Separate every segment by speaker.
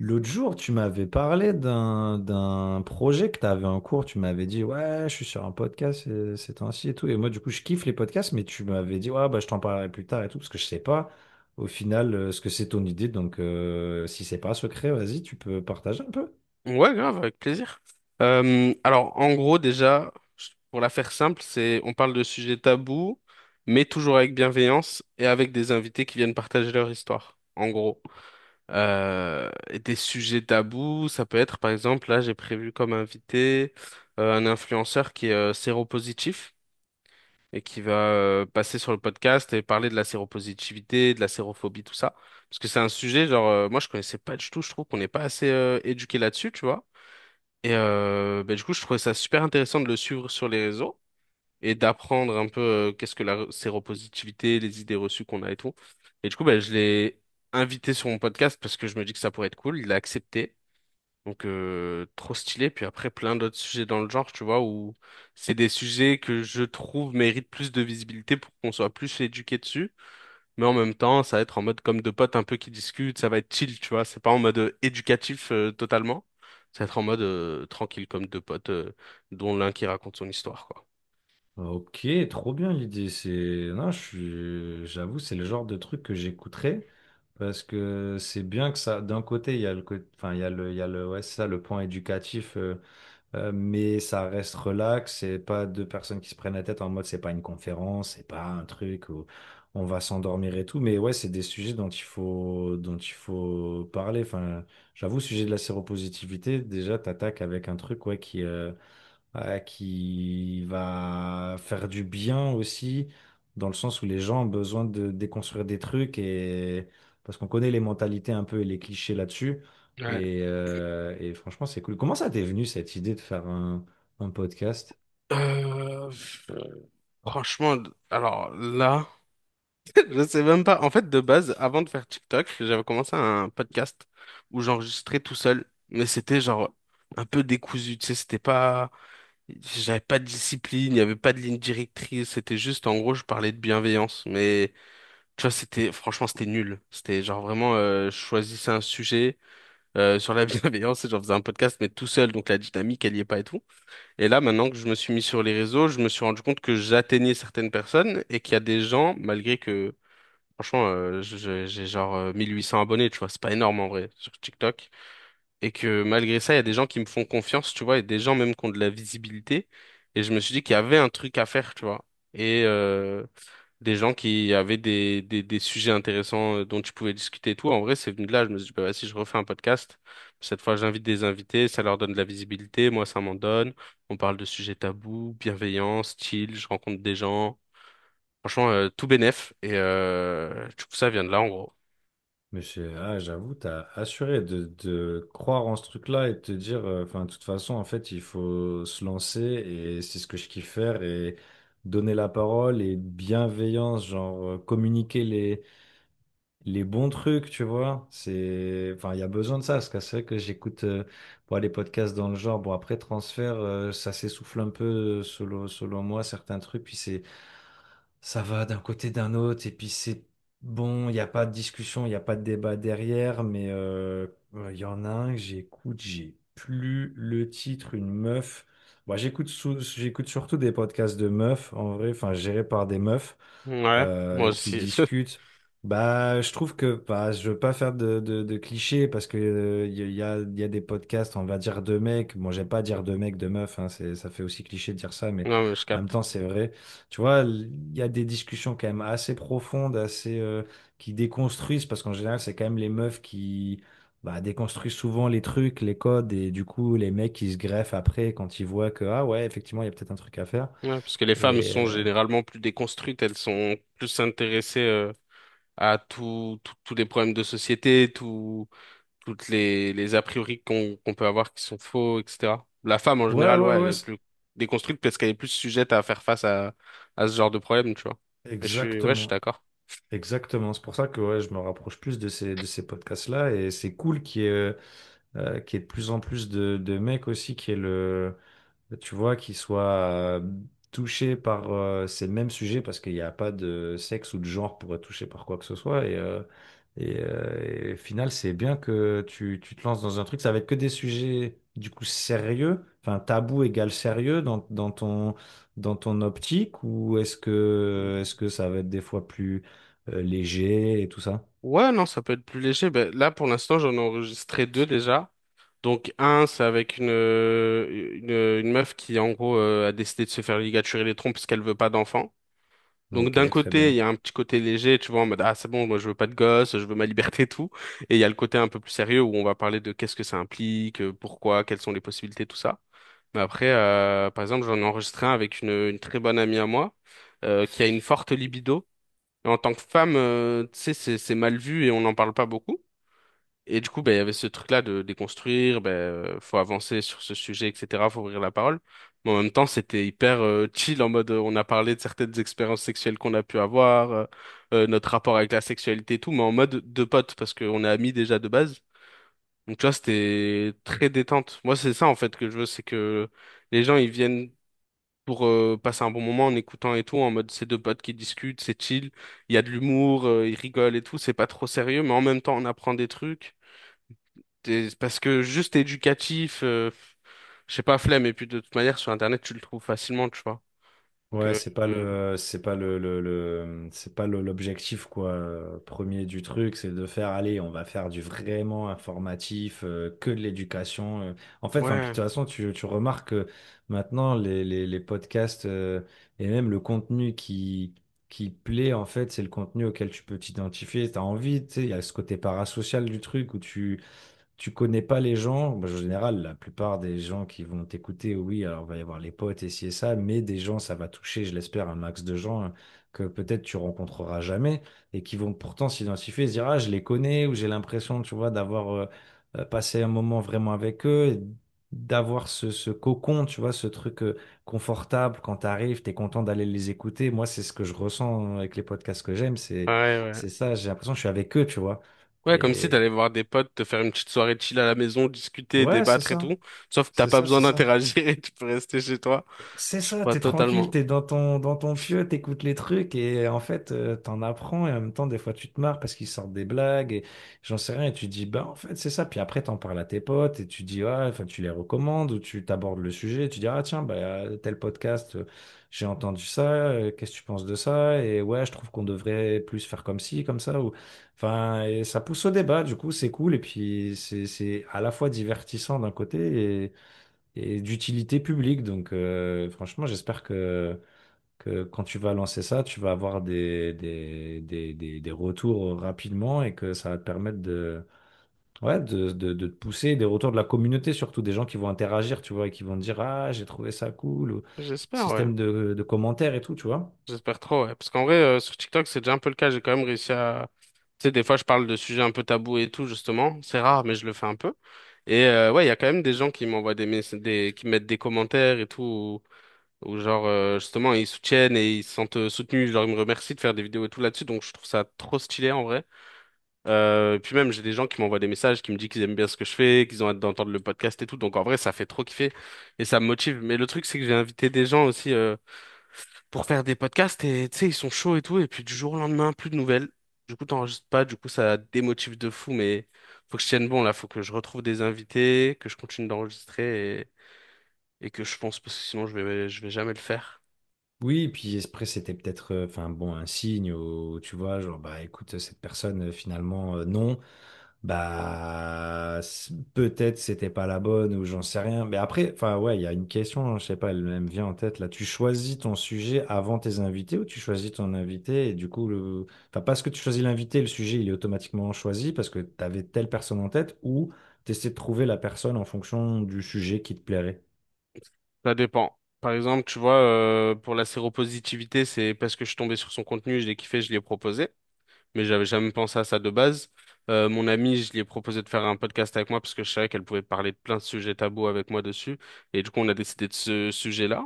Speaker 1: L'autre jour, tu m'avais parlé d'un projet que tu avais en cours. Tu m'avais dit, ouais, je suis sur un podcast ces temps-ci et tout. Et moi, du coup, je kiffe les podcasts, mais tu m'avais dit, ouais, bah, je t'en parlerai plus tard et tout, parce que je sais pas au final ce que c'est ton idée. Donc, si c'est pas secret, vas-y, tu peux partager un peu.
Speaker 2: Ouais, grave, avec plaisir. En gros, déjà, pour la faire simple, c'est on parle de sujets tabous, mais toujours avec bienveillance et avec des invités qui viennent partager leur histoire, en gros. Et des sujets tabous, ça peut être, par exemple, là, j'ai prévu comme invité un influenceur qui est séropositif et qui va passer sur le podcast et parler de la séropositivité, de la sérophobie, tout ça. Parce que c'est un sujet, genre, moi, je connaissais pas du tout, je trouve qu'on n'est pas assez éduqué là-dessus, tu vois. Et ben, du coup, je trouvais ça super intéressant de le suivre sur les réseaux et d'apprendre un peu qu'est-ce que la séropositivité, les idées reçues qu'on a et tout. Et du coup, ben, je l'ai invité sur mon podcast parce que je me dis que ça pourrait être cool. Il a accepté. Donc trop stylé. Puis après, plein d'autres sujets dans le genre, tu vois, où c'est des sujets que je trouve méritent plus de visibilité pour qu'on soit plus éduqué dessus, mais en même temps, ça va être en mode comme deux potes un peu qui discutent, ça va être chill, tu vois. C'est pas en mode éducatif totalement. Ça va être en mode tranquille, comme deux potes, dont l'un qui raconte son histoire, quoi.
Speaker 1: Ok, trop bien l'idée. C'est non, j'avoue, c'est le genre de truc que j'écouterais parce que c'est bien que ça. D'un côté, il y a le côté, enfin, il y a le, il y a le, ouais, c'est ça, le point éducatif. Mais ça reste relax, c'est pas deux personnes qui se prennent la tête en mode, c'est pas une conférence, c'est pas un truc où on va s'endormir et tout, mais ouais, c'est des sujets dont il faut parler. Enfin, j'avoue, sujet de la séropositivité, déjà, t'attaques avec un truc ouais, qui va faire du bien aussi, dans le sens où les gens ont besoin de déconstruire des trucs, et parce qu'on connaît les mentalités un peu et les clichés là-dessus.
Speaker 2: Ouais.
Speaker 1: Et franchement, c'est cool. Comment ça t'est venu cette idée de faire un podcast?
Speaker 2: Euh, franchement, alors là, je sais même pas. En fait, de base, avant de faire TikTok, j'avais commencé un podcast où j'enregistrais tout seul, mais c'était genre un peu décousu, tu sais, c'était pas, j'avais pas de discipline, il y avait pas de ligne directrice, c'était juste, en gros, je parlais de bienveillance, mais tu vois, c'était franchement c'était nul. C'était genre vraiment je choisissais un sujet sur la bienveillance et j'en faisais un podcast mais tout seul, donc la dynamique elle y est pas et tout. Et là maintenant que je me suis mis sur les réseaux, je me suis rendu compte que j'atteignais certaines personnes et qu'il y a des gens malgré que franchement, j'ai genre 1800 abonnés, tu vois, c'est pas énorme en vrai sur TikTok, et que malgré ça il y a des gens qui me font confiance, tu vois, et des gens même qui ont de la visibilité, et je me suis dit qu'il y avait un truc à faire, tu vois. Et des gens qui avaient des sujets intéressants dont tu pouvais discuter et tout. En vrai, c'est venu de là. Je me suis dit, bah, si je refais un podcast, cette fois, j'invite des invités, ça leur donne de la visibilité, moi, ça m'en donne. On parle de sujets tabous, bienveillants style, je rencontre des gens. Franchement, tout bénef. Et du coup, ça vient de là, en gros.
Speaker 1: Monsieur, ah, j'avoue, t'as assuré de croire en ce truc-là et de te dire, enfin, de toute façon, en fait, il faut se lancer et c'est ce que je kiffe faire et donner la parole et bienveillance, genre communiquer les bons trucs, tu vois. C'est, enfin, il y a besoin de ça, parce que c'est vrai que j'écoute bon, les podcasts dans le genre. Bon, après transfert, ça s'essouffle un peu selon moi certains trucs. Puis c'est ça va d'un côté d'un autre et puis c'est bon, il n'y a pas de discussion, il n'y a pas de débat derrière, mais il y en a un que j'écoute, j'ai plus le titre, une meuf. Moi, j'écoute surtout des podcasts de meufs, en vrai, enfin gérés par des meufs
Speaker 2: Ouais, moi
Speaker 1: qui
Speaker 2: aussi.
Speaker 1: discutent. Bah, je trouve que bah, je veux pas faire de, de clichés parce que il y, a, il y a des podcasts, on va dire de mecs. Bon, j'aime pas dire de mecs, de meufs, hein, c'est, ça fait aussi cliché de dire ça, mais
Speaker 2: Non, mais je
Speaker 1: en même
Speaker 2: capte.
Speaker 1: temps, c'est vrai. Tu vois, il y a des discussions quand même assez profondes, assez qui déconstruisent, parce qu'en général, c'est quand même les meufs qui bah, déconstruisent souvent les trucs, les codes, et du coup, les mecs, ils se greffent après quand ils voient que, ah ouais, effectivement, il y a peut-être un truc à faire.
Speaker 2: Ouais, parce que les femmes
Speaker 1: Et
Speaker 2: sont généralement plus déconstruites, elles sont plus intéressées à tout, tous les problèmes de société, tout, toutes les a priori qu'on peut avoir qui sont faux, etc. La femme, en
Speaker 1: ouais,
Speaker 2: général,
Speaker 1: ouais,
Speaker 2: ouais, elle
Speaker 1: ouais,
Speaker 2: est plus déconstruite parce qu'elle est plus sujette à faire face à ce genre de problème, tu vois. Mais je suis, ouais, je suis
Speaker 1: exactement.
Speaker 2: d'accord.
Speaker 1: Exactement. C'est pour ça que ouais, je me rapproche plus de ces podcasts-là, et c'est cool qu'il y ait de plus en plus de mecs aussi qui aient le tu vois, qu'ils soient euh, touchés par ces mêmes sujets parce qu'il n'y a pas de sexe ou de genre pour être touché par quoi que ce soit. Et, et au final, c'est bien que tu te lances dans un truc. Ça va être que des sujets, du coup, sérieux. Enfin, tabou égale sérieux dans ton optique, ou est-ce que ça va être des fois plus léger et tout ça?
Speaker 2: Ouais, non, ça peut être plus léger. Ben, là, pour l'instant, j'en ai enregistré deux déjà. Donc, un, c'est avec une, une meuf qui, en gros, a décidé de se faire ligaturer les trompes parce qu'elle veut pas d'enfant. Donc
Speaker 1: Ok,
Speaker 2: d'un
Speaker 1: très
Speaker 2: côté, il
Speaker 1: bien.
Speaker 2: y a un petit côté léger, tu vois, en mode ah c'est bon, moi je veux pas de gosse, je veux ma liberté et tout. Et il y a le côté un peu plus sérieux où on va parler de qu'est-ce que ça implique, pourquoi, quelles sont les possibilités, tout ça. Mais après, par exemple, j'en ai enregistré un avec une très bonne amie à moi qui a une forte libido. Et en tant que femme, tu sais, c'est mal vu et on n'en parle pas beaucoup. Et du coup, ben, il y avait ce truc-là de déconstruire, ben, faut avancer sur ce sujet, etc., faut ouvrir la parole. Mais en même temps, c'était hyper chill, en mode, on a parlé de certaines expériences sexuelles qu'on a pu avoir, notre rapport avec la sexualité et tout, mais en mode de potes, parce qu'on est amis déjà de base. Donc, tu vois, c'était très détente. Moi, c'est ça, en fait, que je veux, c'est que les gens, ils viennent pour passer un bon moment en écoutant et tout, en mode, c'est deux potes qui discutent, c'est chill, il y a de l'humour, ils rigolent et tout, c'est pas trop sérieux, mais en même temps, on apprend des trucs. Parce que juste éducatif, je sais pas, flemme, et puis de toute manière, sur Internet, tu le trouves facilement, tu vois. Donc,
Speaker 1: Ouais,
Speaker 2: euh, euh,
Speaker 1: c'est pas le, le- c'est pas le- l'objectif quoi premier du truc, c'est de faire allez, on va faire du vraiment informatif, que de l'éducation. En fait, enfin, puis de
Speaker 2: ouais,
Speaker 1: toute façon, tu remarques que maintenant les podcasts et même le contenu qui plaît en fait, c'est le contenu auquel tu peux t'identifier, t'as envie, tu sais, il y a ce côté parasocial du truc où tu connais pas les gens, bah, en général, la plupart des gens qui vont t'écouter, oui, alors il va y avoir les potes et ci et ça, mais des gens, ça va toucher, je l'espère, un max de gens hein, que peut-être tu rencontreras jamais et qui vont pourtant s'identifier et se dire, ah, je les connais ou j'ai l'impression, tu vois, d'avoir passé un moment vraiment avec eux. D'avoir ce cocon, tu vois, ce truc confortable quand t'arrives, t'es content d'aller les écouter. Moi, c'est ce que je ressens hein, avec les podcasts que j'aime,
Speaker 2: ouais, ouais.
Speaker 1: c'est ça, j'ai l'impression que je suis avec eux, tu vois.
Speaker 2: Ouais, comme si
Speaker 1: Et
Speaker 2: t'allais voir des potes, te faire une petite soirée chill à la maison, discuter,
Speaker 1: ouais, c'est
Speaker 2: débattre et
Speaker 1: ça.
Speaker 2: tout. Sauf que t'as
Speaker 1: C'est
Speaker 2: pas
Speaker 1: ça,
Speaker 2: besoin
Speaker 1: c'est ça.
Speaker 2: d'interagir et tu peux rester chez toi.
Speaker 1: C'est
Speaker 2: Je
Speaker 1: ça,
Speaker 2: crois
Speaker 1: t'es tranquille,
Speaker 2: totalement.
Speaker 1: t'es dans ton pieu, t'écoutes les trucs et en fait, t'en apprends et en même temps, des fois, tu te marres parce qu'ils sortent des blagues et j'en sais rien et tu dis, bah, en fait, c'est ça. Puis après, t'en parles à tes potes et tu dis, ah, enfin, tu les recommandes ou tu t'abordes le sujet et tu dis, ah, tiens, bah, tel podcast, j'ai entendu ça, qu'est-ce que tu penses de ça? Et ouais, je trouve qu'on devrait plus faire comme ci, comme ça. Ou... Enfin, et ça pousse au débat, du coup, c'est cool et puis c'est à la fois divertissant d'un côté et d'utilité publique. Donc, franchement, j'espère que quand tu vas lancer ça, tu vas avoir des retours rapidement et que ça va te permettre de, ouais, de te pousser, des retours de la communauté, surtout des gens qui vont interagir, tu vois, et qui vont te dire, ah, j'ai trouvé ça cool, ou
Speaker 2: J'espère, ouais.
Speaker 1: système de commentaires et tout, tu vois.
Speaker 2: J'espère trop, ouais. Parce qu'en vrai, sur TikTok, c'est déjà un peu le cas. J'ai quand même réussi à... Tu sais, des fois, je parle de sujets un peu tabous et tout, justement. C'est rare, mais je le fais un peu. Et ouais, il y a quand même des gens qui m'envoient qui mettent des commentaires et tout, ou genre, justement, ils soutiennent et ils se sentent soutenus. Genre, ils me remercient de faire des vidéos et tout là-dessus. Donc, je trouve ça trop stylé, en vrai. Et puis même, j'ai des gens qui m'envoient des messages, qui me disent qu'ils aiment bien ce que je fais, qu'ils ont hâte d'entendre le podcast et tout. Donc, en vrai, ça fait trop kiffer et ça me motive. Mais le truc, c'est que j'ai invité des gens aussi. Pour faire des podcasts et tu sais, ils sont chauds et tout. Et puis du jour au lendemain, plus de nouvelles. Du coup, t'enregistres pas, du coup, ça démotive de fou, mais faut que je tienne bon là, faut que je retrouve des invités, que je continue d'enregistrer et que je pense, parce que sinon je vais jamais le faire.
Speaker 1: Oui, et puis après, c'était peut-être enfin bon un signe où tu vois, genre bah écoute, cette personne finalement non, peut-être c'était pas la bonne ou j'en sais rien. Mais après, enfin ouais, il y a une question, hein, je sais pas, elle, elle me vient en tête là. Tu choisis ton sujet avant tes invités ou tu choisis ton invité et du coup le enfin parce que tu choisis l'invité, le sujet il est automatiquement choisi parce que tu avais telle personne en tête ou tu de trouver la personne en fonction du sujet qui te plairait.
Speaker 2: Ça dépend. Par exemple, tu vois, pour la séropositivité, c'est parce que je suis tombé sur son contenu, je l'ai kiffé, je l'ai proposé. Mais j'avais jamais pensé à ça de base. Mon amie, je lui ai proposé de faire un podcast avec moi parce que je savais qu'elle pouvait parler de plein de sujets tabous avec moi dessus. Et du coup, on a décidé de ce sujet-là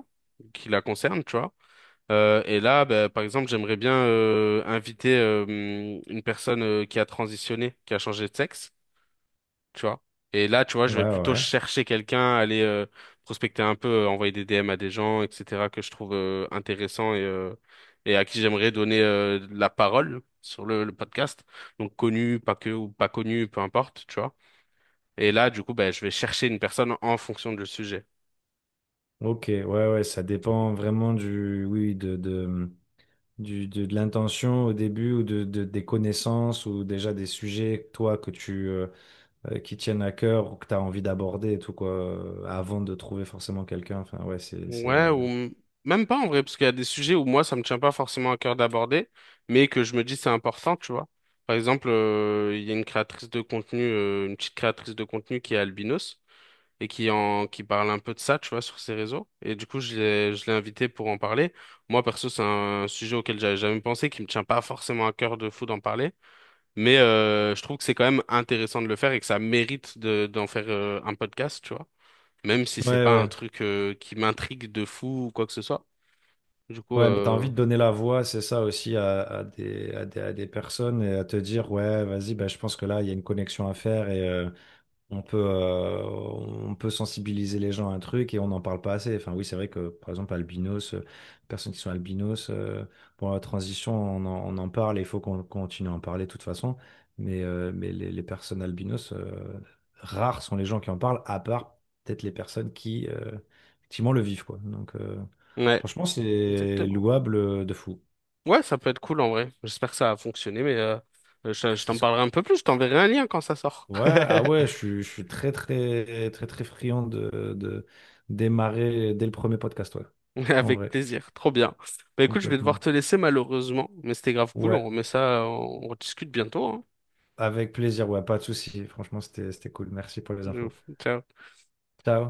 Speaker 2: qui la concerne, tu vois. Et là, bah, par exemple, j'aimerais bien inviter une personne qui a transitionné, qui a changé de sexe, tu vois. Et là, tu vois,
Speaker 1: Ouais,
Speaker 2: je vais
Speaker 1: ouais.
Speaker 2: plutôt
Speaker 1: Ouais.
Speaker 2: chercher quelqu'un, aller prospecter un peu, envoyer des DM à des gens, etc., que je trouve intéressants et à qui j'aimerais donner de la parole sur le podcast. Donc connu, pas que, ou pas connu, peu importe, tu vois. Et là, du coup, ben, je vais chercher une personne en fonction du sujet.
Speaker 1: Ok, ouais, ouais, ça dépend vraiment du, oui, de, de l'intention au début ou de, des connaissances ou déjà des sujets, toi, que tu, qui tiennent à cœur ou que tu as envie d'aborder et tout, quoi, avant de trouver forcément quelqu'un. Enfin, ouais,
Speaker 2: Ouais, même pas en vrai, parce qu'il y a des sujets où moi, ça me tient pas forcément à cœur d'aborder, mais que je me dis c'est important, tu vois. Par exemple, il y a une créatrice de contenu, une petite créatrice de contenu qui est albinos et qui parle un peu de ça, tu vois, sur ses réseaux. Et du coup, je l'ai invitée pour en parler. Moi, perso, c'est un sujet auquel j'avais jamais pensé, qui me tient pas forcément à cœur de fou d'en parler, mais je trouve que c'est quand même intéressant de le faire et que ça mérite de d'en faire un podcast, tu vois, même si c'est
Speaker 1: ouais,
Speaker 2: pas un
Speaker 1: ouais.
Speaker 2: truc qui m'intrigue de fou ou quoi que ce soit. Du coup,
Speaker 1: Ouais, mais t'as envie
Speaker 2: euh,
Speaker 1: de donner la voix, c'est ça aussi, à des, à des, à des personnes et à te dire, ouais, vas-y, bah, je pense que là, il y a une connexion à faire. On peut sensibiliser les gens à un truc et on n'en parle pas assez. Enfin, oui, c'est vrai que, par exemple, albinos, personnes qui sont albinos, pour la transition, on en parle et il faut qu'on continue à en parler de toute façon. Mais les personnes albinos, rares sont les gens qui en parlent, à part peut-être les personnes qui, effectivement, le vivent, quoi. Donc,
Speaker 2: ouais,
Speaker 1: franchement, c'est
Speaker 2: exactement.
Speaker 1: louable de fou.
Speaker 2: Ouais, ça peut être cool en vrai. J'espère que ça a fonctionné, mais je
Speaker 1: C'est
Speaker 2: t'en
Speaker 1: ce
Speaker 2: parlerai un peu plus. Je t'enverrai un lien quand ça sort.
Speaker 1: ouais, ah ouais, je suis très, très, très, très friand de démarrer dès le premier podcast, ouais. En
Speaker 2: Avec
Speaker 1: vrai,
Speaker 2: plaisir, trop bien. Bah écoute, je vais devoir
Speaker 1: complètement.
Speaker 2: te laisser malheureusement, mais c'était grave cool.
Speaker 1: Ouais,
Speaker 2: On remet ça, on discute bientôt, hein.
Speaker 1: avec plaisir, ouais, pas de souci. Franchement, c'était cool. Merci pour les
Speaker 2: Euh,
Speaker 1: infos.
Speaker 2: Ciao.
Speaker 1: Ciao.